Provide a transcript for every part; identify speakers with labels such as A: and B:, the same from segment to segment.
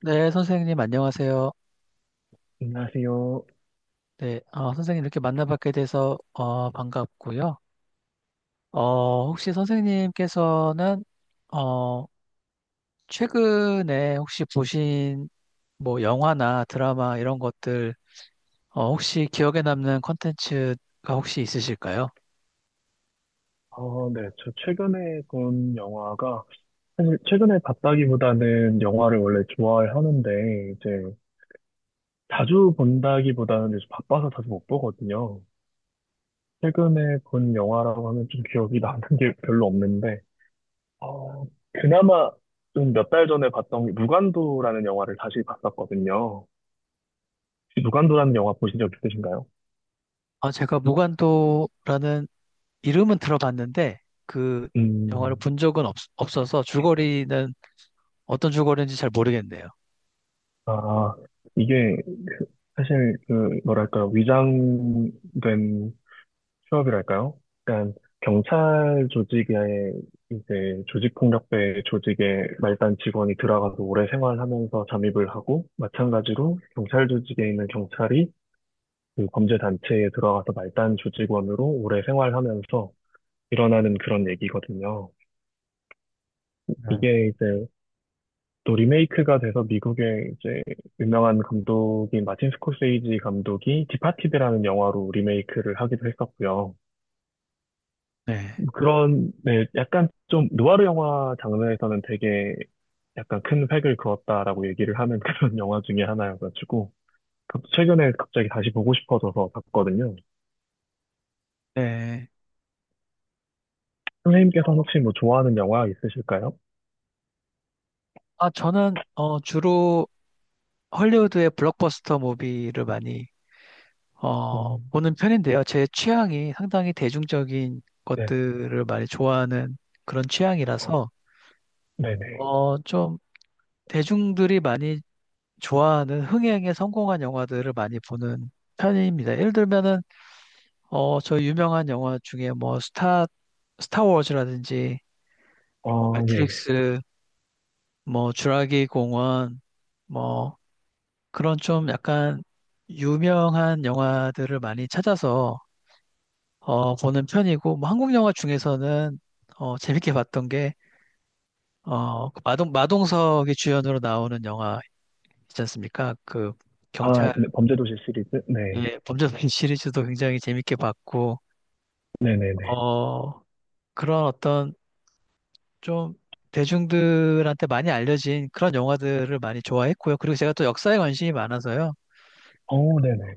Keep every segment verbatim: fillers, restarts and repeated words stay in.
A: 네, 선생님 안녕하세요.
B: 안녕하세요.
A: 네, 어, 선생님 이렇게 만나뵙게 돼서 어, 반갑고요. 어, 혹시 선생님께서는 어, 최근에 혹시 보신 뭐 영화나 드라마 이런 것들, 어, 혹시 기억에 남는 콘텐츠가 혹시 있으실까요?
B: 어, 네. 저 최근에 본 영화가, 사실 최근에 봤다기보다는 영화를 원래 좋아하는데, 이제 자주 본다기보다는 요즘 바빠서 자주 못 보거든요. 최근에 본 영화라고 하면 좀 기억이 나는 게 별로 없는데, 어, 그나마 좀 몇 달 전에 봤던 게 무간도라는 영화를 다시 봤었거든요. 혹시 무간도라는 영화 보신 적 있으신가요?
A: 아, 제가 무간도라는 이름은 들어봤는데 그 영화를
B: 음,
A: 본 적은 없, 없어서 줄거리는 어떤 줄거리인지 잘 모르겠네요.
B: 아, 이게 사실 그, 뭐랄까, 위장된 휴업이랄까요. 그러니까 경찰 조직에 이제 조직폭력배 조직에 말단 직원이 들어가서 오래 생활하면서 잠입을 하고 마찬가지로 경찰 조직에 있는 경찰이 그 범죄 단체에 들어가서 말단 조직원으로 오래 생활하면서 일어나는 그런 얘기거든요.
A: 네.
B: 이게 이제 또 리메이크가 돼서 미국의 이제 유명한 감독인 마틴 스코세이지 감독이 디파티드라는 영화로 리메이크를 하기도 했었고요.
A: 네,
B: 그런, 네, 약간 좀 누아르 영화 장르에서는 되게 약간 큰 획을 그었다라고 얘기를 하는 그런 영화 중에 하나여가지고 그것도 최근에 갑자기 다시 보고 싶어져서 봤거든요.
A: 네.
B: 선생님께서 혹시 뭐 좋아하는 영화 있으실까요?
A: 아, 저는 어, 주로 헐리우드의 블록버스터 무비를 많이 어,
B: 음,
A: 보는 편인데요. 제 취향이 상당히 대중적인
B: 네,
A: 것들을 많이 좋아하는 그런
B: 어,
A: 취향이라서
B: 네네.
A: 어, 좀 대중들이 많이 좋아하는 흥행에 성공한 영화들을 많이 보는 편입니다. 예를 들면은 어, 저 유명한 영화 중에 뭐 스타 스타워즈라든지 뭐
B: 어, 예, 예.
A: 매트릭스, 뭐 주라기 공원, 뭐 그런 좀 약간 유명한 영화들을 많이 찾아서 어, 보는 편이고, 뭐 한국 영화 중에서는 어, 재밌게 봤던 게 어, 그 마동 마동석이 주연으로 나오는 영화 있지 않습니까? 그
B: 아,
A: 경찰의
B: 네, 범죄도시 시리즈? 네,
A: 범죄도시 시리즈도 굉장히 재밌게 봤고,
B: 네네네.
A: 어, 그런 어떤 좀 대중들한테 많이 알려진 그런 영화들을 많이 좋아했고요. 그리고 제가 또 역사에 관심이 많아서요.
B: 어, 네네.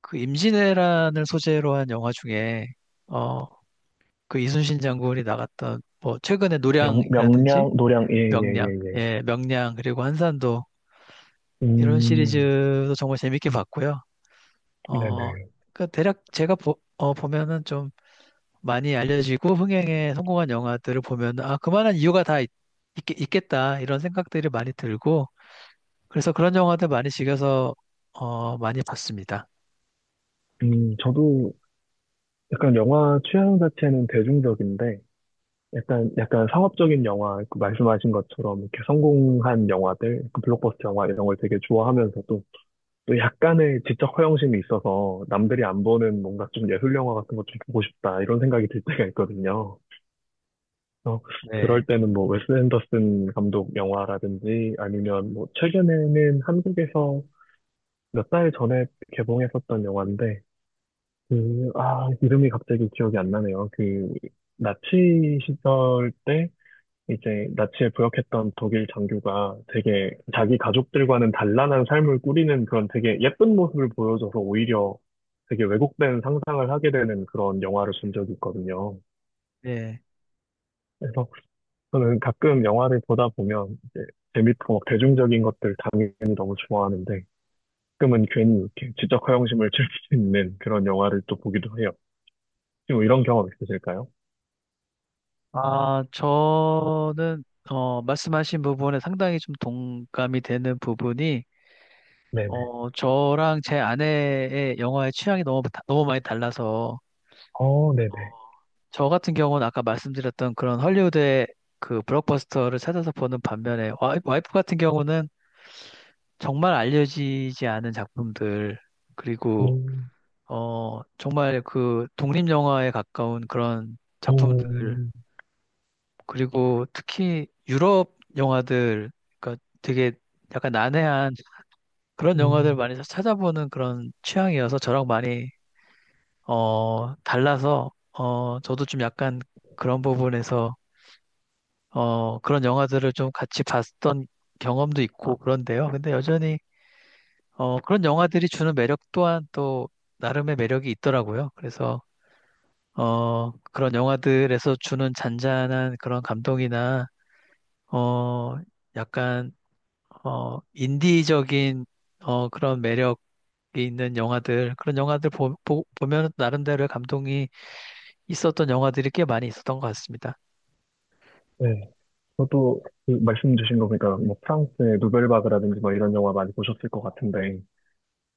A: 그 임진왜란을 소재로 한 영화 중에 어, 그 이순신 장군이 나갔던 뭐 최근에
B: 명,
A: 노량이라든지
B: 명량, 노량, 예, 예,
A: 명량,
B: 예, 예.
A: 예, 명량 그리고 한산도, 이런
B: 음,
A: 시리즈도 정말 재밌게 봤고요. 어,
B: 네네.
A: 그 대략 제가 보, 어, 보면은 좀 많이 알려지고 흥행에 성공한 영화들을 보면 아 그만한 이유가 다 있, 겠다 이런 생각들이 많이 들고, 그래서 그런 영화들 많이 즐겨서 어, 많이 봤습니다.
B: 음, 저도 약간 영화 취향 자체는 대중적인데, 약간, 약간 상업적인 영화, 그 말씀하신 것처럼 이렇게 성공한 영화들, 그 블록버스터 영화 이런 걸 되게 좋아하면서도 또 약간의 지적 허영심이 있어서 남들이 안 보는 뭔가 좀 예술 영화 같은 것 좀 보고 싶다 이런 생각이 들 때가 있거든요. 그래서
A: 네,
B: 그럴 때는 뭐 웨스 앤더슨 감독 영화라든지 아니면 뭐 최근에는 한국에서 몇 달 전에 개봉했었던 영화인데 그, 아, 이름이 갑자기 기억이 안 나네요. 그 나치 시절 때 이제 나치에 부역했던 독일 장교가 되게 자기 가족들과는 단란한 삶을 꾸리는 그런 되게 예쁜 모습을 보여줘서 오히려 되게 왜곡된 상상을 하게 되는 그런 영화를 본 적이 있거든요.
A: 네.
B: 그래서 저는 가끔 영화를 보다 보면 이제 재밌고 막 대중적인 것들 당연히 너무 좋아하는데 가끔은 괜히 이렇게 지적 허영심을 즐길 수 있는 그런 영화를 또 보기도 해요. 지금 이런 경험 있으실까요?
A: 아, 저는 어, 말씀하신 부분에 상당히 좀 동감이 되는 부분이,
B: 네네.
A: 어, 저랑 제 아내의 영화의 취향이 너무, 다- 너무 많이 달라서,
B: 어, 네네.
A: 어, 저 같은 경우는 아까 말씀드렸던 그런 헐리우드의 그 블록버스터를 찾아서 보는 반면에, 와이- 와이프 같은 경우는 정말 알려지지 않은 작품들, 그리고,
B: 음,
A: 어, 정말 그 독립영화에 가까운 그런 작품들,
B: 어,
A: 그리고 특히 유럽 영화들, 그러니까 되게 약간 난해한 그런 영화들
B: 음,
A: 많이 찾아보는 그런 취향이어서 저랑 많이 어, 달라서, 어, 저도 좀 약간 그런 부분에서, 어, 그런 영화들을 좀 같이 봤던 경험도 있고 그런데요. 근데 여전히, 어, 그런 영화들이 주는 매력 또한 또 나름의 매력이 있더라고요. 그래서, 어, 그런 영화들에서 주는 잔잔한 그런 감동이나, 어, 약간, 어, 인디적인, 어, 그런 매력이 있는 영화들, 그런 영화들 보, 보, 보면 나름대로의 감동이 있었던 영화들이 꽤 많이 있었던 것 같습니다.
B: 네. 저도 그 말씀 주신 거 보니까 뭐 프랑스의 누벨바그라든지 뭐 이런 영화 많이 보셨을 것 같은데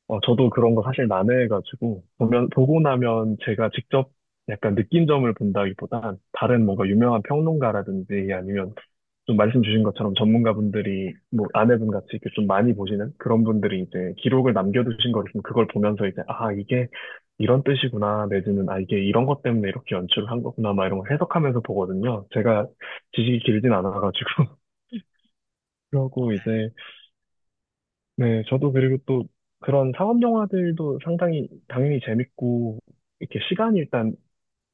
B: 어, 저도 그런 거 사실 난해해가지고 보면 보고 나면 제가 직접 약간 느낀점을 본다기보단 다른 뭔가 유명한 평론가라든지 아니면 좀 말씀 주신 것처럼 전문가분들이 뭐 아내분 같이 이렇게 좀 많이 보시는 그런 분들이 이제 기록을 남겨두신 거를 좀 그걸 보면서 이제 아 이게 이런 뜻이구나 내지는 아 이게 이런 것 때문에 이렇게 연출을 한 거구나 막 이런 걸 해석하면서 보거든요. 제가 지식이 길진 않아가지고 그러고 이제 네 저도 그리고 또 그런 사업 영화들도 상당히 당연히 재밌고 이렇게 시간이 일단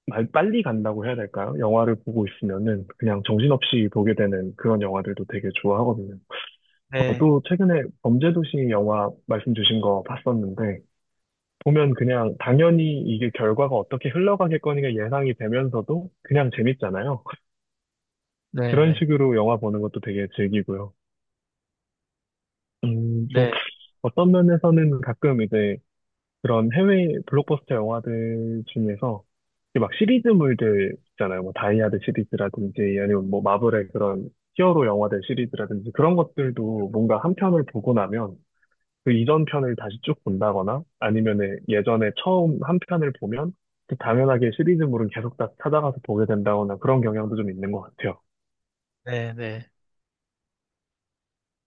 B: 말- 빨리 간다고 해야 될까요? 영화를 보고 있으면은 그냥 정신없이 보게 되는 그런 영화들도 되게 좋아하거든요.
A: 네,
B: 저도 최근에 범죄도시 영화 말씀 주신 거 봤었는데 보면 그냥 당연히 이게 결과가 어떻게 흘러가겠거니가 예상이 되면서도 그냥 재밌잖아요.
A: 네,
B: 그런
A: 네,
B: 식으로 영화 보는 것도 되게 즐기고요. 음, 또
A: 네,
B: 어떤 면에서는 가끔 이제 그런 해외 블록버스터 영화들 중에서 이게 막 시리즈물들 있잖아요. 뭐 다이아드 시리즈라든지 아니면 뭐 마블의 그런 히어로 영화들 시리즈라든지 그런 것들도 뭔가 한 편을 보고 나면 그 이전 편을 다시 쭉 본다거나 아니면은 예전에 처음 한 편을 보면 그 당연하게 시리즈물은 계속 다 찾아가서 보게 된다거나 그런 경향도 좀 있는 것 같아요.
A: 네, 네.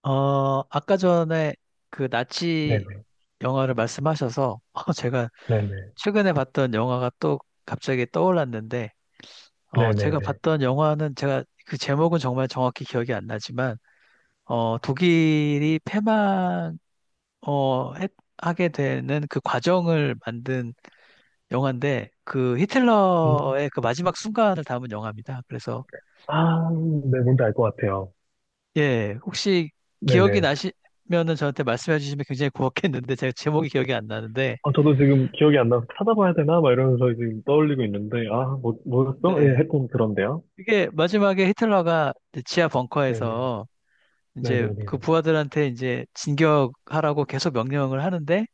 A: 어, 아까 전에 그 나치
B: 네네.
A: 영화를 말씀하셔서 어, 제가
B: 네네.
A: 최근에 봤던 영화가 또 갑자기 떠올랐는데, 어, 제가
B: 네네네.
A: 봤던 영화는 제가 그 제목은 정말 정확히 기억이 안 나지만, 어, 독일이 패망 어, 했- 하게 되는 그 과정을 만든 영화인데, 그
B: 음.
A: 히틀러의 그 마지막 순간을 담은 영화입니다. 그래서
B: 아, 네, 뭔지 알 것 같아요.
A: 예, 혹시 기억이
B: 네네.
A: 나시면은 저한테 말씀해 주시면 굉장히 고맙겠는데, 제가 제목이 기억이 안 나는데.
B: 아, 저도 지금 기억이 안 나서 찾아봐야 되나? 막 이러면서 지금 떠올리고 있는데, 아, 뭐, 뭐였어? 예, 하
A: 네.
B: 여 그런데요.
A: 이게 마지막에 히틀러가 이제 지하
B: 네네.
A: 벙커에서 이제 그
B: 네네네.
A: 부하들한테 이제 진격하라고 계속 명령을 하는데,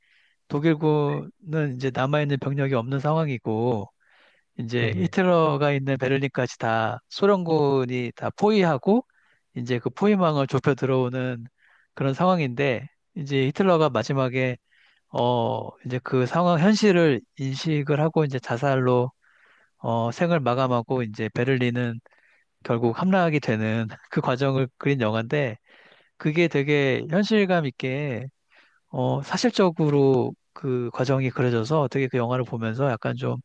A: 독일군은 이제 남아있는 병력이 없는 상황이고 이제
B: 네네.
A: 히틀러가 있는 베를린까지 다 소련군이 다 포위하고 이제 그 포위망을 좁혀 들어오는 그런 상황인데, 이제 히틀러가 마지막에 어, 이제 그 상황, 현실을 인식을 하고 이제 자살로, 어, 생을 마감하고, 이제 베를린은 결국 함락이 되는 그 과정을 그린 영화인데, 그게 되게 현실감 있게, 어, 사실적으로 그 과정이 그려져서 되게 그 영화를 보면서 약간 좀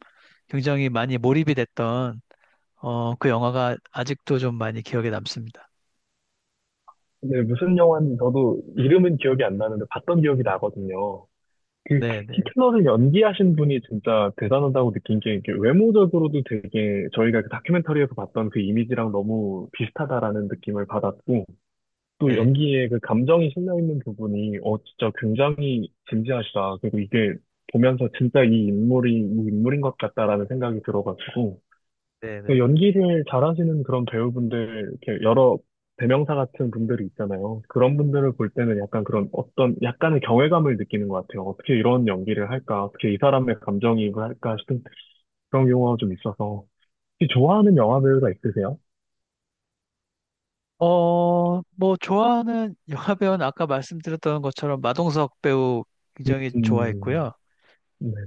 A: 굉장히 많이 몰입이 됐던, 어, 그 영화가 아직도 좀 많이 기억에 남습니다.
B: 근데 무슨 영화인지 저도 이름은 기억이 안 나는데 봤던 기억이 나거든요. 그
A: 네, 네,
B: 히틀러를 연기하신 분이 진짜 대단하다고 느낀 게 이게 외모적으로도 되게 저희가 그 다큐멘터리에서 봤던 그 이미지랑 너무 비슷하다라는 느낌을 받았고, 또
A: 네,
B: 연기에 그 감정이 실려 있는 부분이 어 진짜 굉장히 진지하시다. 그리고 이게 보면서 진짜 이 인물이 이 인물인 것 같다라는 생각이 들어가지고
A: 네,
B: 그
A: 네.
B: 연기를 잘하시는 그런 배우분들 이렇게 여러 대명사 같은 분들이 있잖아요. 그런 분들을 볼 때는 약간 그런 어떤 약간의 경외감을 느끼는 것 같아요. 어떻게 이런 연기를 할까? 어떻게 이 사람의 감정이입을 할까 싶은 그런 경우가 좀 있어서 혹시 좋아하는 영화 배우가 있으세요?
A: 어, 뭐, 좋아하는 영화 배우는 아까 말씀드렸던 것처럼 마동석 배우 굉장히 좋아했고요.
B: 음,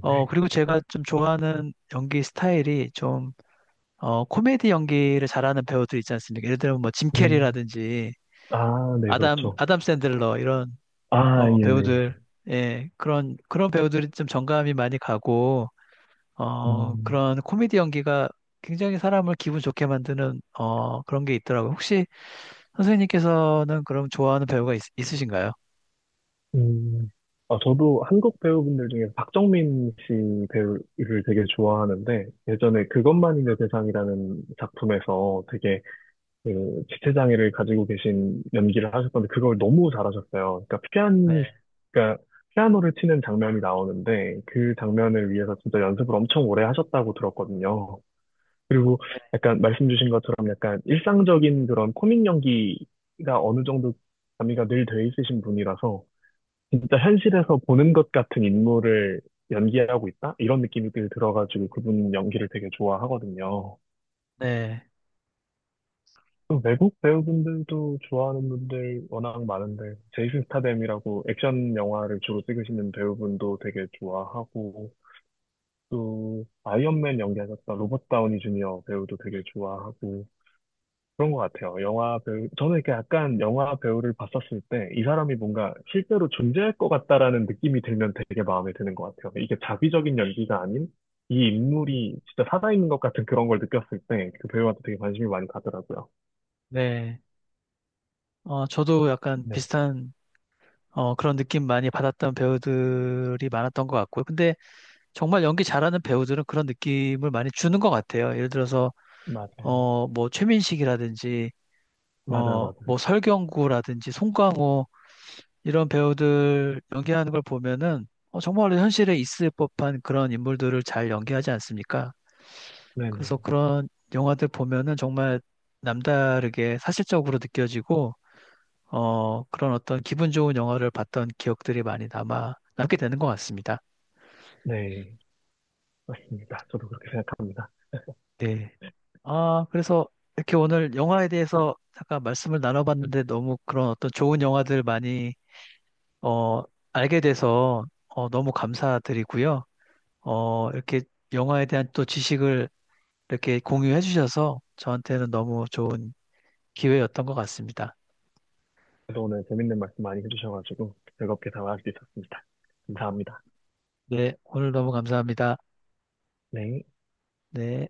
A: 어, 그리고 제가 좀 좋아하는 연기 스타일이 좀, 어, 코미디 연기를 잘하는 배우들 있지 않습니까? 예를 들면 뭐, 짐
B: 음,
A: 캐리라든지,
B: 아, 네,
A: 아담,
B: 그렇죠.
A: 아담 샌들러, 이런,
B: 아,
A: 어,
B: 예, 예,
A: 배우들,
B: 예.
A: 예, 그런, 그런 배우들이 좀 정감이 많이 가고, 어,
B: 음,
A: 그런 코미디 연기가 굉장히 사람을 기분 좋게 만드는, 어, 그런 게 있더라고요. 혹시 선생님께서는 그럼 좋아하는 배우가 있, 으신가요?
B: 음. 아, 저도 한국 배우분들 중에 박정민 씨 배우를 되게 좋아하는데, 예전에 그것만이 내 세상이라는 작품에서 되게 그 지체장애를 가지고 계신 연기를 하셨던데, 그걸 너무 잘하셨어요. 그러니까 피아니,
A: 네,
B: 그러니까 피아노를 치는 장면이 나오는데, 그 장면을 위해서 진짜 연습을 엄청 오래 하셨다고 들었거든요. 그리고
A: 네,
B: 약간 말씀 주신 것처럼 약간 일상적인 그런 코믹 연기가 어느 정도 가미가 늘 돼 있으신 분이라서 진짜 현실에서 보는 것 같은 인물을 연기하고 있다? 이런 느낌이 늘 들어가지고 그분 연기를 되게 좋아하거든요.
A: 네.
B: 또 외국 배우분들도 좋아하는 분들 워낙 많은데 제이슨 스타뎀이라고 액션 영화를 주로 찍으시는 배우분도 되게 좋아하고 또 아이언맨 연기하셨던 로버트 다우니 주니어 배우도 되게 좋아하고 그런 것 같아요. 영화 배우, 저는 이렇게 약간 영화 배우를 봤었을 때 이 사람이 뭔가 실제로 존재할 것 같다라는 느낌이 들면 되게 마음에 드는 것 같아요. 이게 자비적인 연기가 아닌 이 인물이 진짜 살아있는 것 같은 그런 걸 느꼈을 때 그 배우한테 되게 관심이 많이 가더라고요.
A: 네. 어, 저도 약간
B: 네,
A: 비슷한 어, 그런 느낌 많이 받았던 배우들이 많았던 것 같고요. 근데 정말 연기 잘하는 배우들은 그런 느낌을 많이 주는 것 같아요. 예를 들어서
B: 맞아요.
A: 어, 뭐 최민식이라든지
B: 맞아요,
A: 어,
B: 맞아요.
A: 뭐 설경구라든지 송강호, 이런 배우들 연기하는 걸 보면은 어, 정말 현실에 있을 법한 그런 인물들을 잘 연기하지 않습니까?
B: 네네.
A: 그래서 그런 영화들 보면은 정말 남다르게 사실적으로 느껴지고, 어, 그런 어떤 기분 좋은 영화를 봤던 기억들이 많이 남아, 남게 되는 것 같습니다.
B: 네. 맞습니다. 저도 그렇게 생각합니다.
A: 네. 아, 그래서 이렇게 오늘 영화에 대해서 잠깐 말씀을 나눠봤는데 너무 그런 어떤 좋은 영화들 많이, 어, 알게 돼서, 어, 너무 감사드리고요. 어, 이렇게 영화에 대한 또 지식을 이렇게 공유해 주셔서 저한테는 너무 좋은 기회였던 것 같습니다.
B: 그래서 오늘 재밌는 말씀 많이 해주셔가지고 즐겁게 대화할 수 있었습니다. 감사합니다.
A: 네, 오늘 너무 감사합니다.
B: 네.
A: 네.